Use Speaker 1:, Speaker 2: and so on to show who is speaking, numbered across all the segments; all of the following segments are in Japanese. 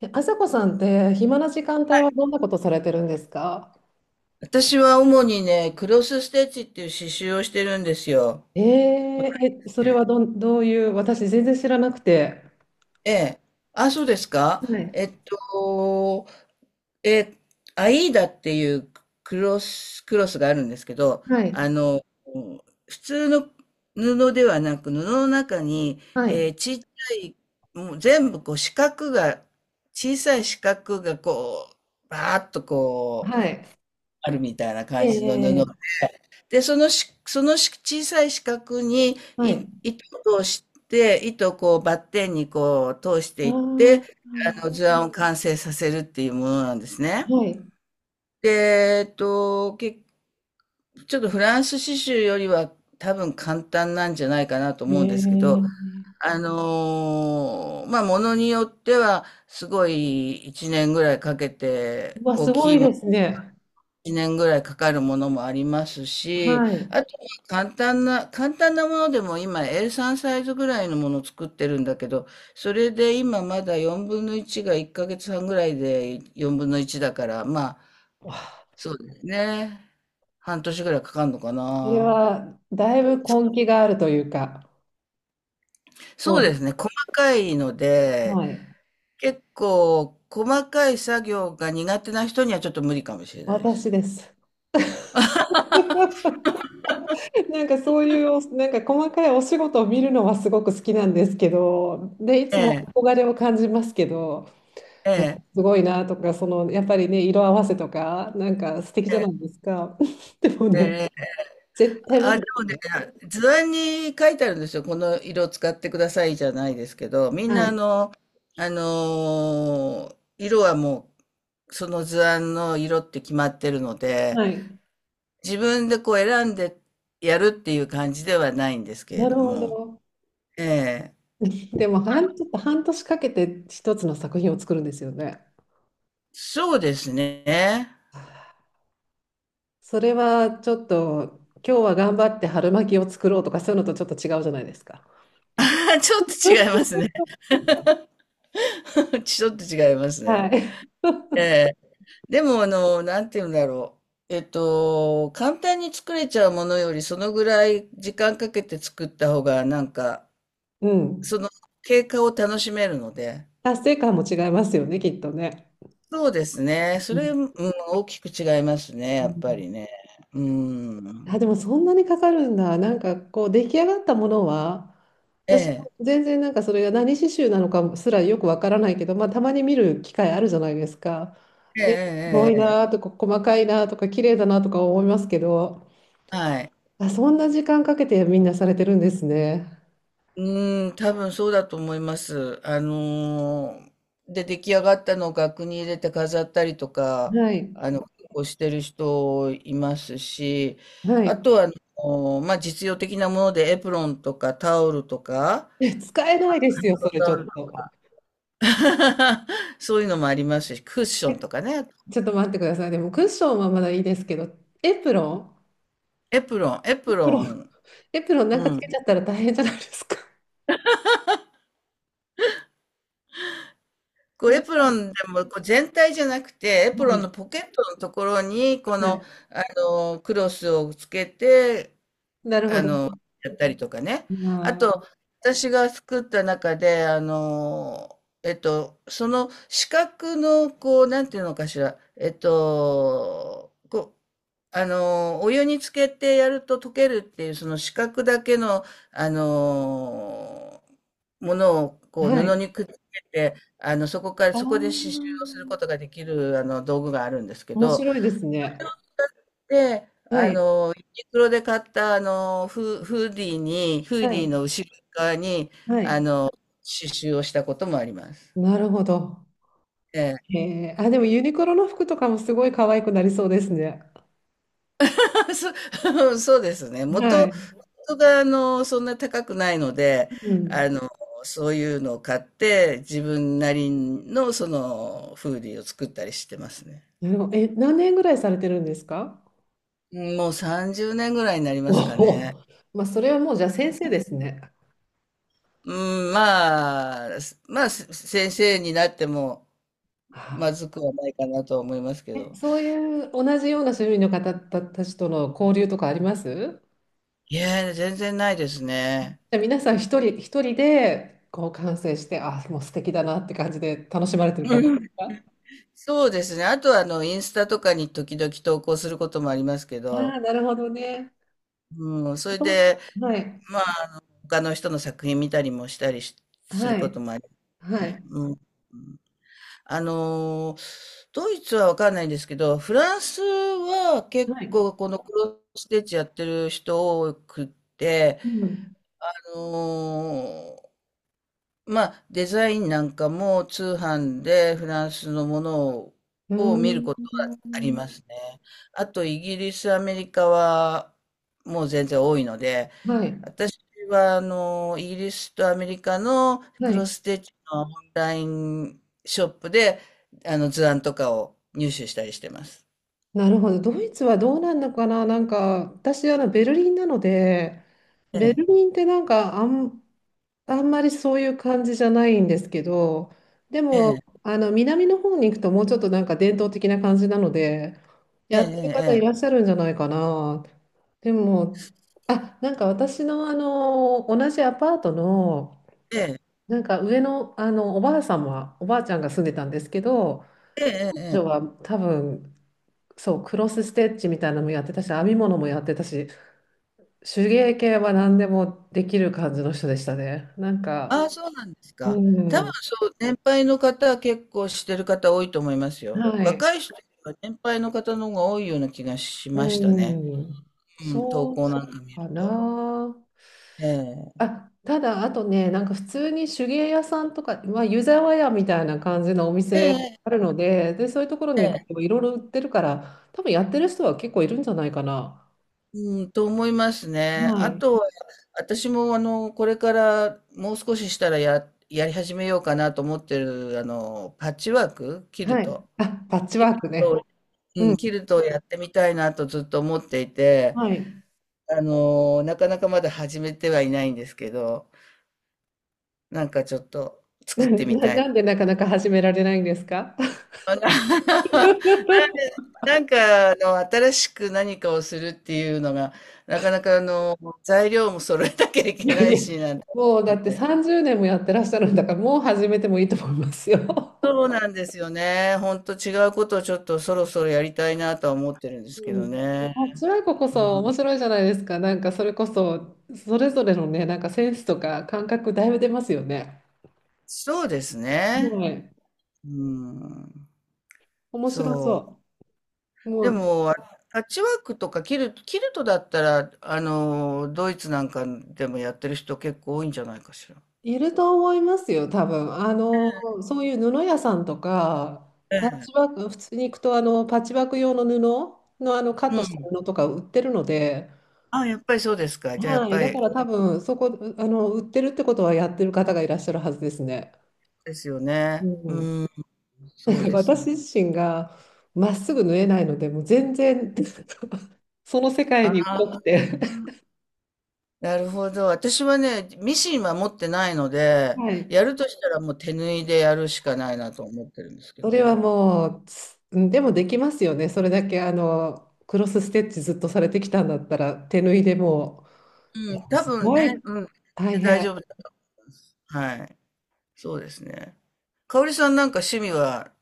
Speaker 1: え、あさこさんって暇な時間帯はどんなことされてるんですか？
Speaker 2: 私は主にね、クロスステッチっていう刺繍をしてるんですよ。
Speaker 1: それはどういう、私全然知らなくて。
Speaker 2: ええ。あ、そうですか。
Speaker 1: はい、
Speaker 2: えっと、え、アイーダっていうクロスがあるんですけど、
Speaker 1: はい、
Speaker 2: 普通の布ではなく、布の中に、
Speaker 1: はい、
Speaker 2: ちっちゃい、もう全部こう四角が、小さい四角がこう、バーッとこう、
Speaker 1: はい。
Speaker 2: あるみたいな感じの布
Speaker 1: ええ。
Speaker 2: で、そのし、そのし小さい四角に
Speaker 1: は
Speaker 2: い
Speaker 1: い。
Speaker 2: 糸を通して、糸をこうバッテンにこう通し
Speaker 1: あ
Speaker 2: ていっ
Speaker 1: ー、
Speaker 2: て、あの
Speaker 1: あ
Speaker 2: 図案を完成させるっていうものなんです
Speaker 1: ー、
Speaker 2: ね。
Speaker 1: はい。
Speaker 2: で、ちょっとフランス刺繍よりは多分簡単なんじゃないかなと思うんですけど、
Speaker 1: ええ。
Speaker 2: まあ、ものによってはすごい1年ぐらいかけて
Speaker 1: うわ、
Speaker 2: 大
Speaker 1: すご
Speaker 2: きい
Speaker 1: いですね。
Speaker 2: 1年ぐらいかかるものもありますし、
Speaker 1: はい。
Speaker 2: あとは簡単なものでも今 A3 サイズぐらいのものを作ってるんだけど、それで今まだ4分の1が1ヶ月半ぐらいで4分の1だから、まあ、
Speaker 1: わあ。
Speaker 2: そうですね。半年ぐらいかかるのか
Speaker 1: それ
Speaker 2: な。
Speaker 1: は、だいぶ根気があるというか、そ
Speaker 2: そう
Speaker 1: うで
Speaker 2: ですね。
Speaker 1: す。
Speaker 2: 細かいので、
Speaker 1: はい。
Speaker 2: 結構細かい作業が苦手な人にはちょっと無理かもしれないで
Speaker 1: 私
Speaker 2: す。
Speaker 1: です。なんかそういうなんか細かいお仕事を見るのはすごく好きなんですけど、で、い
Speaker 2: え
Speaker 1: つも
Speaker 2: え、
Speaker 1: 憧れを感じますけど、
Speaker 2: え
Speaker 1: え
Speaker 2: え、
Speaker 1: すごいなとか、そのやっぱりね、色合わせとか、なんか素敵じゃないですか。でもね、
Speaker 2: ええ、
Speaker 1: 絶対無
Speaker 2: あ、
Speaker 1: 理
Speaker 2: で
Speaker 1: で
Speaker 2: も
Speaker 1: すね。
Speaker 2: ね、図案に書いてあるんですよ。この色使ってくださいじゃないですけど、みん
Speaker 1: は
Speaker 2: な
Speaker 1: い。
Speaker 2: 色はもう、その図案の色って決まってるので、
Speaker 1: はい。
Speaker 2: 自分でこう選んでやるっていう感じではないんですけれ
Speaker 1: なる
Speaker 2: ど
Speaker 1: ほ
Speaker 2: も、
Speaker 1: ど。
Speaker 2: ええ、
Speaker 1: でもちょっと半年かけて一つの作品を作るんですよね。
Speaker 2: そうですね。
Speaker 1: それはちょっと、今日は頑張って春巻きを作ろうとか、そういうのとちょっと違うじゃないですか。
Speaker 2: ちょっと違いますね。ちょっと違います
Speaker 1: は
Speaker 2: ね。
Speaker 1: い。
Speaker 2: ええ。でも、なんて言うんだろう。簡単に作れちゃうものより、そのぐらい時間かけて作った方が、なんか、
Speaker 1: うん。
Speaker 2: その経過を楽しめるので。
Speaker 1: 達成感も違いますよね、きっとね。
Speaker 2: そうですね。
Speaker 1: う
Speaker 2: それ、
Speaker 1: ん、
Speaker 2: うん、大きく違いますね、
Speaker 1: う
Speaker 2: やっぱ
Speaker 1: ん。
Speaker 2: りね。う
Speaker 1: あ、
Speaker 2: ん。
Speaker 1: でもそんなにかかるんだ。なんかこう出来上がったものは、
Speaker 2: え
Speaker 1: 私
Speaker 2: え、
Speaker 1: も全然なんかそれが何刺繍なのかすらよくわからないけど、まあ、たまに見る機会あるじゃないですか。
Speaker 2: ええ、
Speaker 1: で、すご
Speaker 2: え
Speaker 1: い
Speaker 2: え、え
Speaker 1: なとか細かいなとか綺麗だなとか思いますけど、
Speaker 2: え。はい。
Speaker 1: あ、そんな時間かけてみんなされてるんですね。
Speaker 2: うーん、多分そうだと思います。で、出来上がったのを額に入れて飾ったりとか、
Speaker 1: はい。
Speaker 2: 結構してる人いますし、
Speaker 1: は
Speaker 2: あ
Speaker 1: い。
Speaker 2: とは、まあ、実用的なものでエプロンとかタオルとか、
Speaker 1: え、使えないですよ、そ れち
Speaker 2: タオ
Speaker 1: ょっ
Speaker 2: ル
Speaker 1: と。
Speaker 2: そういうのもありますし、クッションとかね。
Speaker 1: ちょっと待ってください。でもクッションはまだいいですけど、エプロン。
Speaker 2: エプロン、エ
Speaker 1: エ
Speaker 2: プ
Speaker 1: プロ
Speaker 2: ロ
Speaker 1: ン。
Speaker 2: ン。
Speaker 1: エプロンなんか
Speaker 2: う
Speaker 1: つけち
Speaker 2: ん。
Speaker 1: ゃったら大変じゃないですか。
Speaker 2: こ う
Speaker 1: ね。
Speaker 2: エプロンでもこう全体じゃなくて、エプ
Speaker 1: は
Speaker 2: ロン
Speaker 1: い。
Speaker 2: のポケットのところに、こ
Speaker 1: はい。
Speaker 2: の、クロスをつけて、
Speaker 1: なるほ
Speaker 2: あ
Speaker 1: ど。
Speaker 2: の、やったりとかね。あ
Speaker 1: あ
Speaker 2: と、私が作った中で、その四角の、こう、なんていうのかしら、こう、お湯につけてやると溶けるっていう、その四角だけの、あの、ものを、
Speaker 1: ー、
Speaker 2: こう、
Speaker 1: は
Speaker 2: 布
Speaker 1: い。
Speaker 2: にくっつけて、そこから、
Speaker 1: あ
Speaker 2: そこで刺繍
Speaker 1: あ、
Speaker 2: をすることができる、道具があるんですけ
Speaker 1: 面
Speaker 2: ど、
Speaker 1: 白いですね。
Speaker 2: で、
Speaker 1: はい。
Speaker 2: ユニクロで買ったあの、フー
Speaker 1: は
Speaker 2: ディー
Speaker 1: い。
Speaker 2: の後ろ側に、
Speaker 1: は
Speaker 2: あ
Speaker 1: い。
Speaker 2: の、刺繍をしたこともあります。
Speaker 1: なるほど。
Speaker 2: ええ。
Speaker 1: へえ。あ、でもユニクロの服とかもすごい可愛くなりそうですね。
Speaker 2: そうですね。
Speaker 1: はい。
Speaker 2: 元があの、そんな高くないので、
Speaker 1: う
Speaker 2: あ
Speaker 1: ん。
Speaker 2: の、そういうのを買って、自分なりのその、フーディーを作ったりしてますね。
Speaker 1: なるほど。え、何年ぐらいされてるんですか？
Speaker 2: うん、もう30年ぐらいになり
Speaker 1: お。
Speaker 2: ますか
Speaker 1: お、
Speaker 2: ね。
Speaker 1: まあ、それはもうじゃあ先生ですね。
Speaker 2: うん、まあ、先生になっても、
Speaker 1: は
Speaker 2: ま
Speaker 1: あ。
Speaker 2: ずくはないかなとは思いますけ
Speaker 1: え、
Speaker 2: ど。
Speaker 1: そういう同じような種類の方たちとの交流とかあります？
Speaker 2: いや、全然ないです
Speaker 1: じ
Speaker 2: ね。
Speaker 1: ゃあ皆さん一人一人でこう完成して、あ、もう素敵だなって感じで楽しまれてる感じで
Speaker 2: うん。
Speaker 1: すか？
Speaker 2: そうですね。あとはあの、インスタとかに時々投稿することもありますけ
Speaker 1: ああ、
Speaker 2: ど、
Speaker 1: なるほどね。
Speaker 2: うん、それ
Speaker 1: そうそ
Speaker 2: で、
Speaker 1: う。はい。
Speaker 2: まあ、他の人の作品見たりする
Speaker 1: は
Speaker 2: こと
Speaker 1: い。
Speaker 2: もあり
Speaker 1: は
Speaker 2: ね。
Speaker 1: い。
Speaker 2: うん。あのドイツはわかんないんですけど、フランスは結
Speaker 1: はい。
Speaker 2: 構このクロスステッチやってる人多くって、
Speaker 1: うん。
Speaker 2: あのまあ、デザインなんかも通販でフランスのものを、
Speaker 1: う
Speaker 2: 見る
Speaker 1: ー
Speaker 2: ことがありま
Speaker 1: ん。
Speaker 2: すね。あと、イギリス、アメリカはもう全然多いので、
Speaker 1: はい。
Speaker 2: 私はイギリスとアメリカの
Speaker 1: は
Speaker 2: クロ
Speaker 1: い。
Speaker 2: スステッチのオンラインショップで、図案とかを入手したりしてます。
Speaker 1: なるほど。ドイツはどうなんのかな。なんか、私、ベルリンなので、
Speaker 2: え
Speaker 1: ベ
Speaker 2: え、
Speaker 1: ルリンってなんか、あんまりそういう感じじゃないんですけど、で
Speaker 2: え
Speaker 1: も、
Speaker 2: え、
Speaker 1: 南の方に行くともうちょっとなんか伝統的な感じなので、
Speaker 2: え
Speaker 1: やってる方いらっ
Speaker 2: え、
Speaker 1: しゃるんじゃないかな。でも、あ、なんか私の同じアパートの、
Speaker 2: ええ、ええ、
Speaker 1: なんか上の、おばあさんは、おばあちゃんが住んでたんですけど、
Speaker 2: ええ、え
Speaker 1: 彼
Speaker 2: え、え
Speaker 1: 女
Speaker 2: え。
Speaker 1: は多分、そう、クロスステッチみたいなのもやってたし、編み物もやってたし、手芸系は何でもできる感じの人でしたね。なん
Speaker 2: あ
Speaker 1: か、
Speaker 2: あ、そうなんです
Speaker 1: う
Speaker 2: か。多分
Speaker 1: ん。
Speaker 2: そう、年配の方は結構してる方多いと思いますよ。
Speaker 1: はい。
Speaker 2: 若い人よりは年配の方の方が多いような気がし
Speaker 1: う
Speaker 2: ましたね。
Speaker 1: ん、
Speaker 2: うん、投
Speaker 1: そ
Speaker 2: 稿
Speaker 1: う
Speaker 2: なんか見る
Speaker 1: か
Speaker 2: と。
Speaker 1: な。
Speaker 2: ええ、
Speaker 1: あ、ただ、あとね、なんか普通に手芸屋さんとか、まあ、湯沢屋みたいな感じのお店
Speaker 2: え
Speaker 1: ある
Speaker 2: え、
Speaker 1: ので、で、そういうところ
Speaker 2: え
Speaker 1: に行く
Speaker 2: え。
Speaker 1: といろいろ売ってるから、多分やってる人は結構いるんじゃないかな。
Speaker 2: うん、と思いますね。
Speaker 1: は
Speaker 2: あ
Speaker 1: い。
Speaker 2: とは、私もこれからもう少ししたらやり始めようかなと思ってる、パッチワーク、キル
Speaker 1: はい。
Speaker 2: ト。
Speaker 1: あ、パッチ
Speaker 2: キ
Speaker 1: ワ
Speaker 2: ル
Speaker 1: ークね。
Speaker 2: ト、う
Speaker 1: うん。
Speaker 2: ん、キルトをやってみたいなとずっと思っていて、
Speaker 1: はい。
Speaker 2: なかなかまだ始めてはいないんですけど、なんかちょっと 作
Speaker 1: な
Speaker 2: っ
Speaker 1: んで、
Speaker 2: てみ
Speaker 1: な
Speaker 2: たい。
Speaker 1: なんでなかなか始められないんですか？
Speaker 2: あな なんか新しく何かをするっていうのが、なかなか材料も揃えなきゃい
Speaker 1: い
Speaker 2: け
Speaker 1: や
Speaker 2: な
Speaker 1: い
Speaker 2: い
Speaker 1: や、
Speaker 2: し、なんて
Speaker 1: もうだ
Speaker 2: 思っ
Speaker 1: って
Speaker 2: てて。
Speaker 1: 30年もやってらっしゃるんだから、もう始めてもいいと思いますよ。
Speaker 2: そうなんですよね。ほんと違うことをちょっとそろそろやりたいなとは思ってるんです
Speaker 1: う
Speaker 2: けど
Speaker 1: ん、
Speaker 2: ね。
Speaker 1: あ、辛いここ
Speaker 2: う
Speaker 1: そ
Speaker 2: ん、
Speaker 1: 面白いじゃないですか。なんかそれこそそれぞれのね、なんかセンスとか感覚だいぶ出ますよね。
Speaker 2: そうですね。
Speaker 1: はい。
Speaker 2: うん。
Speaker 1: 面白
Speaker 2: そう。
Speaker 1: そう。も
Speaker 2: で
Speaker 1: う
Speaker 2: も、パッチワークとかキルト、だったら、ドイツなんかでもやってる人結構多いんじゃないかしら。
Speaker 1: いると思いますよ、多分。そういう布屋さんとか、
Speaker 2: え
Speaker 1: パッ
Speaker 2: え。
Speaker 1: チワーク、普通に行くとあのパッチワーク用の布の、あのカット
Speaker 2: う
Speaker 1: した
Speaker 2: ん。
Speaker 1: 布とか売ってるので、
Speaker 2: あ、やっぱりそうですか。じゃあ、やっ
Speaker 1: はい。
Speaker 2: ぱ
Speaker 1: だ
Speaker 2: り
Speaker 1: から
Speaker 2: 多
Speaker 1: 多
Speaker 2: い
Speaker 1: 分そこ、売ってるってことはやってる方がいらっしゃるはずですね。
Speaker 2: ですよ
Speaker 1: う
Speaker 2: ね。
Speaker 1: ん。
Speaker 2: うん、そうです
Speaker 1: 私
Speaker 2: ね。
Speaker 1: 自身がまっすぐ縫えないので、もう全然 その世界
Speaker 2: あ
Speaker 1: に疎く
Speaker 2: あ、
Speaker 1: て。
Speaker 2: なるほど。私はね、ミシンは持ってないので、
Speaker 1: はい。
Speaker 2: やるとしたらもう手縫いでやるしかないなと思ってるんですけ
Speaker 1: それは
Speaker 2: ど。
Speaker 1: もう、うんでもできますよね。それだけあのクロスステッチずっとされてきたんだったら、手縫いでもう、い
Speaker 2: う
Speaker 1: や
Speaker 2: ん、多
Speaker 1: す
Speaker 2: 分
Speaker 1: ご
Speaker 2: ね、
Speaker 1: い
Speaker 2: うん、
Speaker 1: 大
Speaker 2: 大丈
Speaker 1: 変。
Speaker 2: 夫だと思います。はい。そうですね。かおりさんなんか趣味は、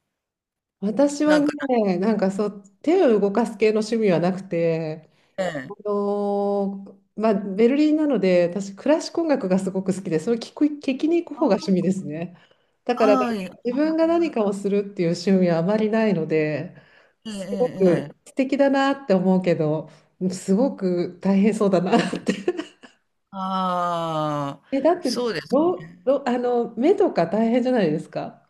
Speaker 1: 私は
Speaker 2: なんか
Speaker 1: ね、なんかそう、手を動かす系の趣味はなくて、
Speaker 2: ね、
Speaker 1: まあ、ベルリンなので私クラシック音楽がすごく好きでそれを聞きに行く方が趣味ですね。だからなん
Speaker 2: あ
Speaker 1: か
Speaker 2: あ、いえ
Speaker 1: 自分が何かをするっていう趣味はあまりないので、すご
Speaker 2: え、え
Speaker 1: く
Speaker 2: え、
Speaker 1: 素敵だなって思うけど、すごく大変そうだなって。
Speaker 2: ああ
Speaker 1: だっ
Speaker 2: ー、
Speaker 1: て
Speaker 2: そうですね。
Speaker 1: あの目とか大変じゃないですか？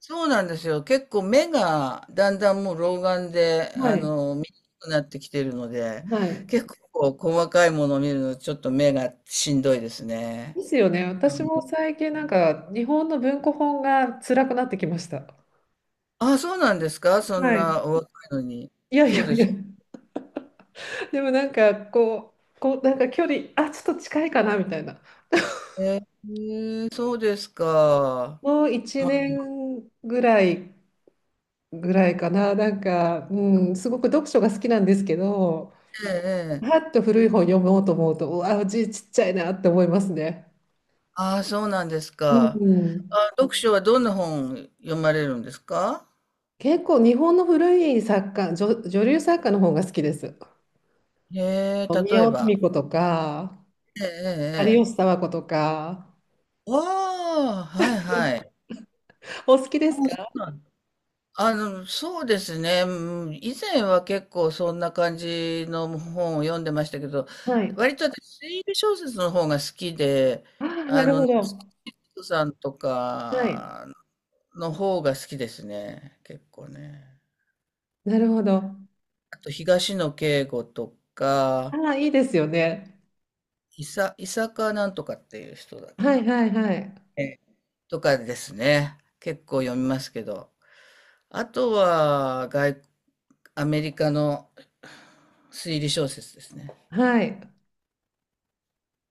Speaker 2: そうなんですよ。結構目がだんだんもう老眼で、
Speaker 1: はい。
Speaker 2: 見にくくなってきてるので、
Speaker 1: はい。
Speaker 2: 結構細かいものを見るのちょっと目がしんどいですね。
Speaker 1: ですよね。私も
Speaker 2: うん。
Speaker 1: 最近なんか日本の文庫本が辛くなってきました。
Speaker 2: ああ、そうなんですか？そん
Speaker 1: はい。
Speaker 2: なお若いのに。
Speaker 1: いやい
Speaker 2: そう
Speaker 1: や
Speaker 2: で
Speaker 1: いや。
Speaker 2: すか。
Speaker 1: でもなんかこうなんか距離、あ、ちょっと近いかなみたいな。
Speaker 2: えー、そうですか。
Speaker 1: もう1
Speaker 2: まあ、
Speaker 1: 年ぐらいかな。なんか、うん、すごく読書が好きなんですけど、
Speaker 2: ええ、え
Speaker 1: は
Speaker 2: え。
Speaker 1: っと古い本読もうと思うと、うわ、字ちっちゃいなって思いますね。
Speaker 2: ああ、そうなんです
Speaker 1: う
Speaker 2: か。
Speaker 1: ん。
Speaker 2: あ、読書はどんな本読まれるんですか？
Speaker 1: 結構日本の古い作家、女流作家の方が好きです。
Speaker 2: へえ、
Speaker 1: 宮
Speaker 2: 例え
Speaker 1: 尾登
Speaker 2: ば。
Speaker 1: 美子とか、
Speaker 2: ええ、
Speaker 1: 有
Speaker 2: ええ。
Speaker 1: 吉
Speaker 2: え。
Speaker 1: 佐和子とか。
Speaker 2: ああ、はいはい。
Speaker 1: お好きで
Speaker 2: あ、
Speaker 1: す
Speaker 2: そ
Speaker 1: か？
Speaker 2: うなんだ。そうですね。うん、以前は結構そんな感じの本を読んでましたけど、
Speaker 1: はい。
Speaker 2: 割と私、推理小説の方が好きで、
Speaker 1: ああ、なるほ
Speaker 2: 夏
Speaker 1: ど。
Speaker 2: 木ッとさんと
Speaker 1: はい。
Speaker 2: かの方が好きですね。結構ね。
Speaker 1: なるほど。
Speaker 2: あと、東野圭吾と
Speaker 1: あ
Speaker 2: か、
Speaker 1: あ、いいですよね。
Speaker 2: いさかなんとかっていう人だね。
Speaker 1: はいはいはい。
Speaker 2: とかですね。結構読みますけど。あとは、アメリカの推理小説ですね。
Speaker 1: はい。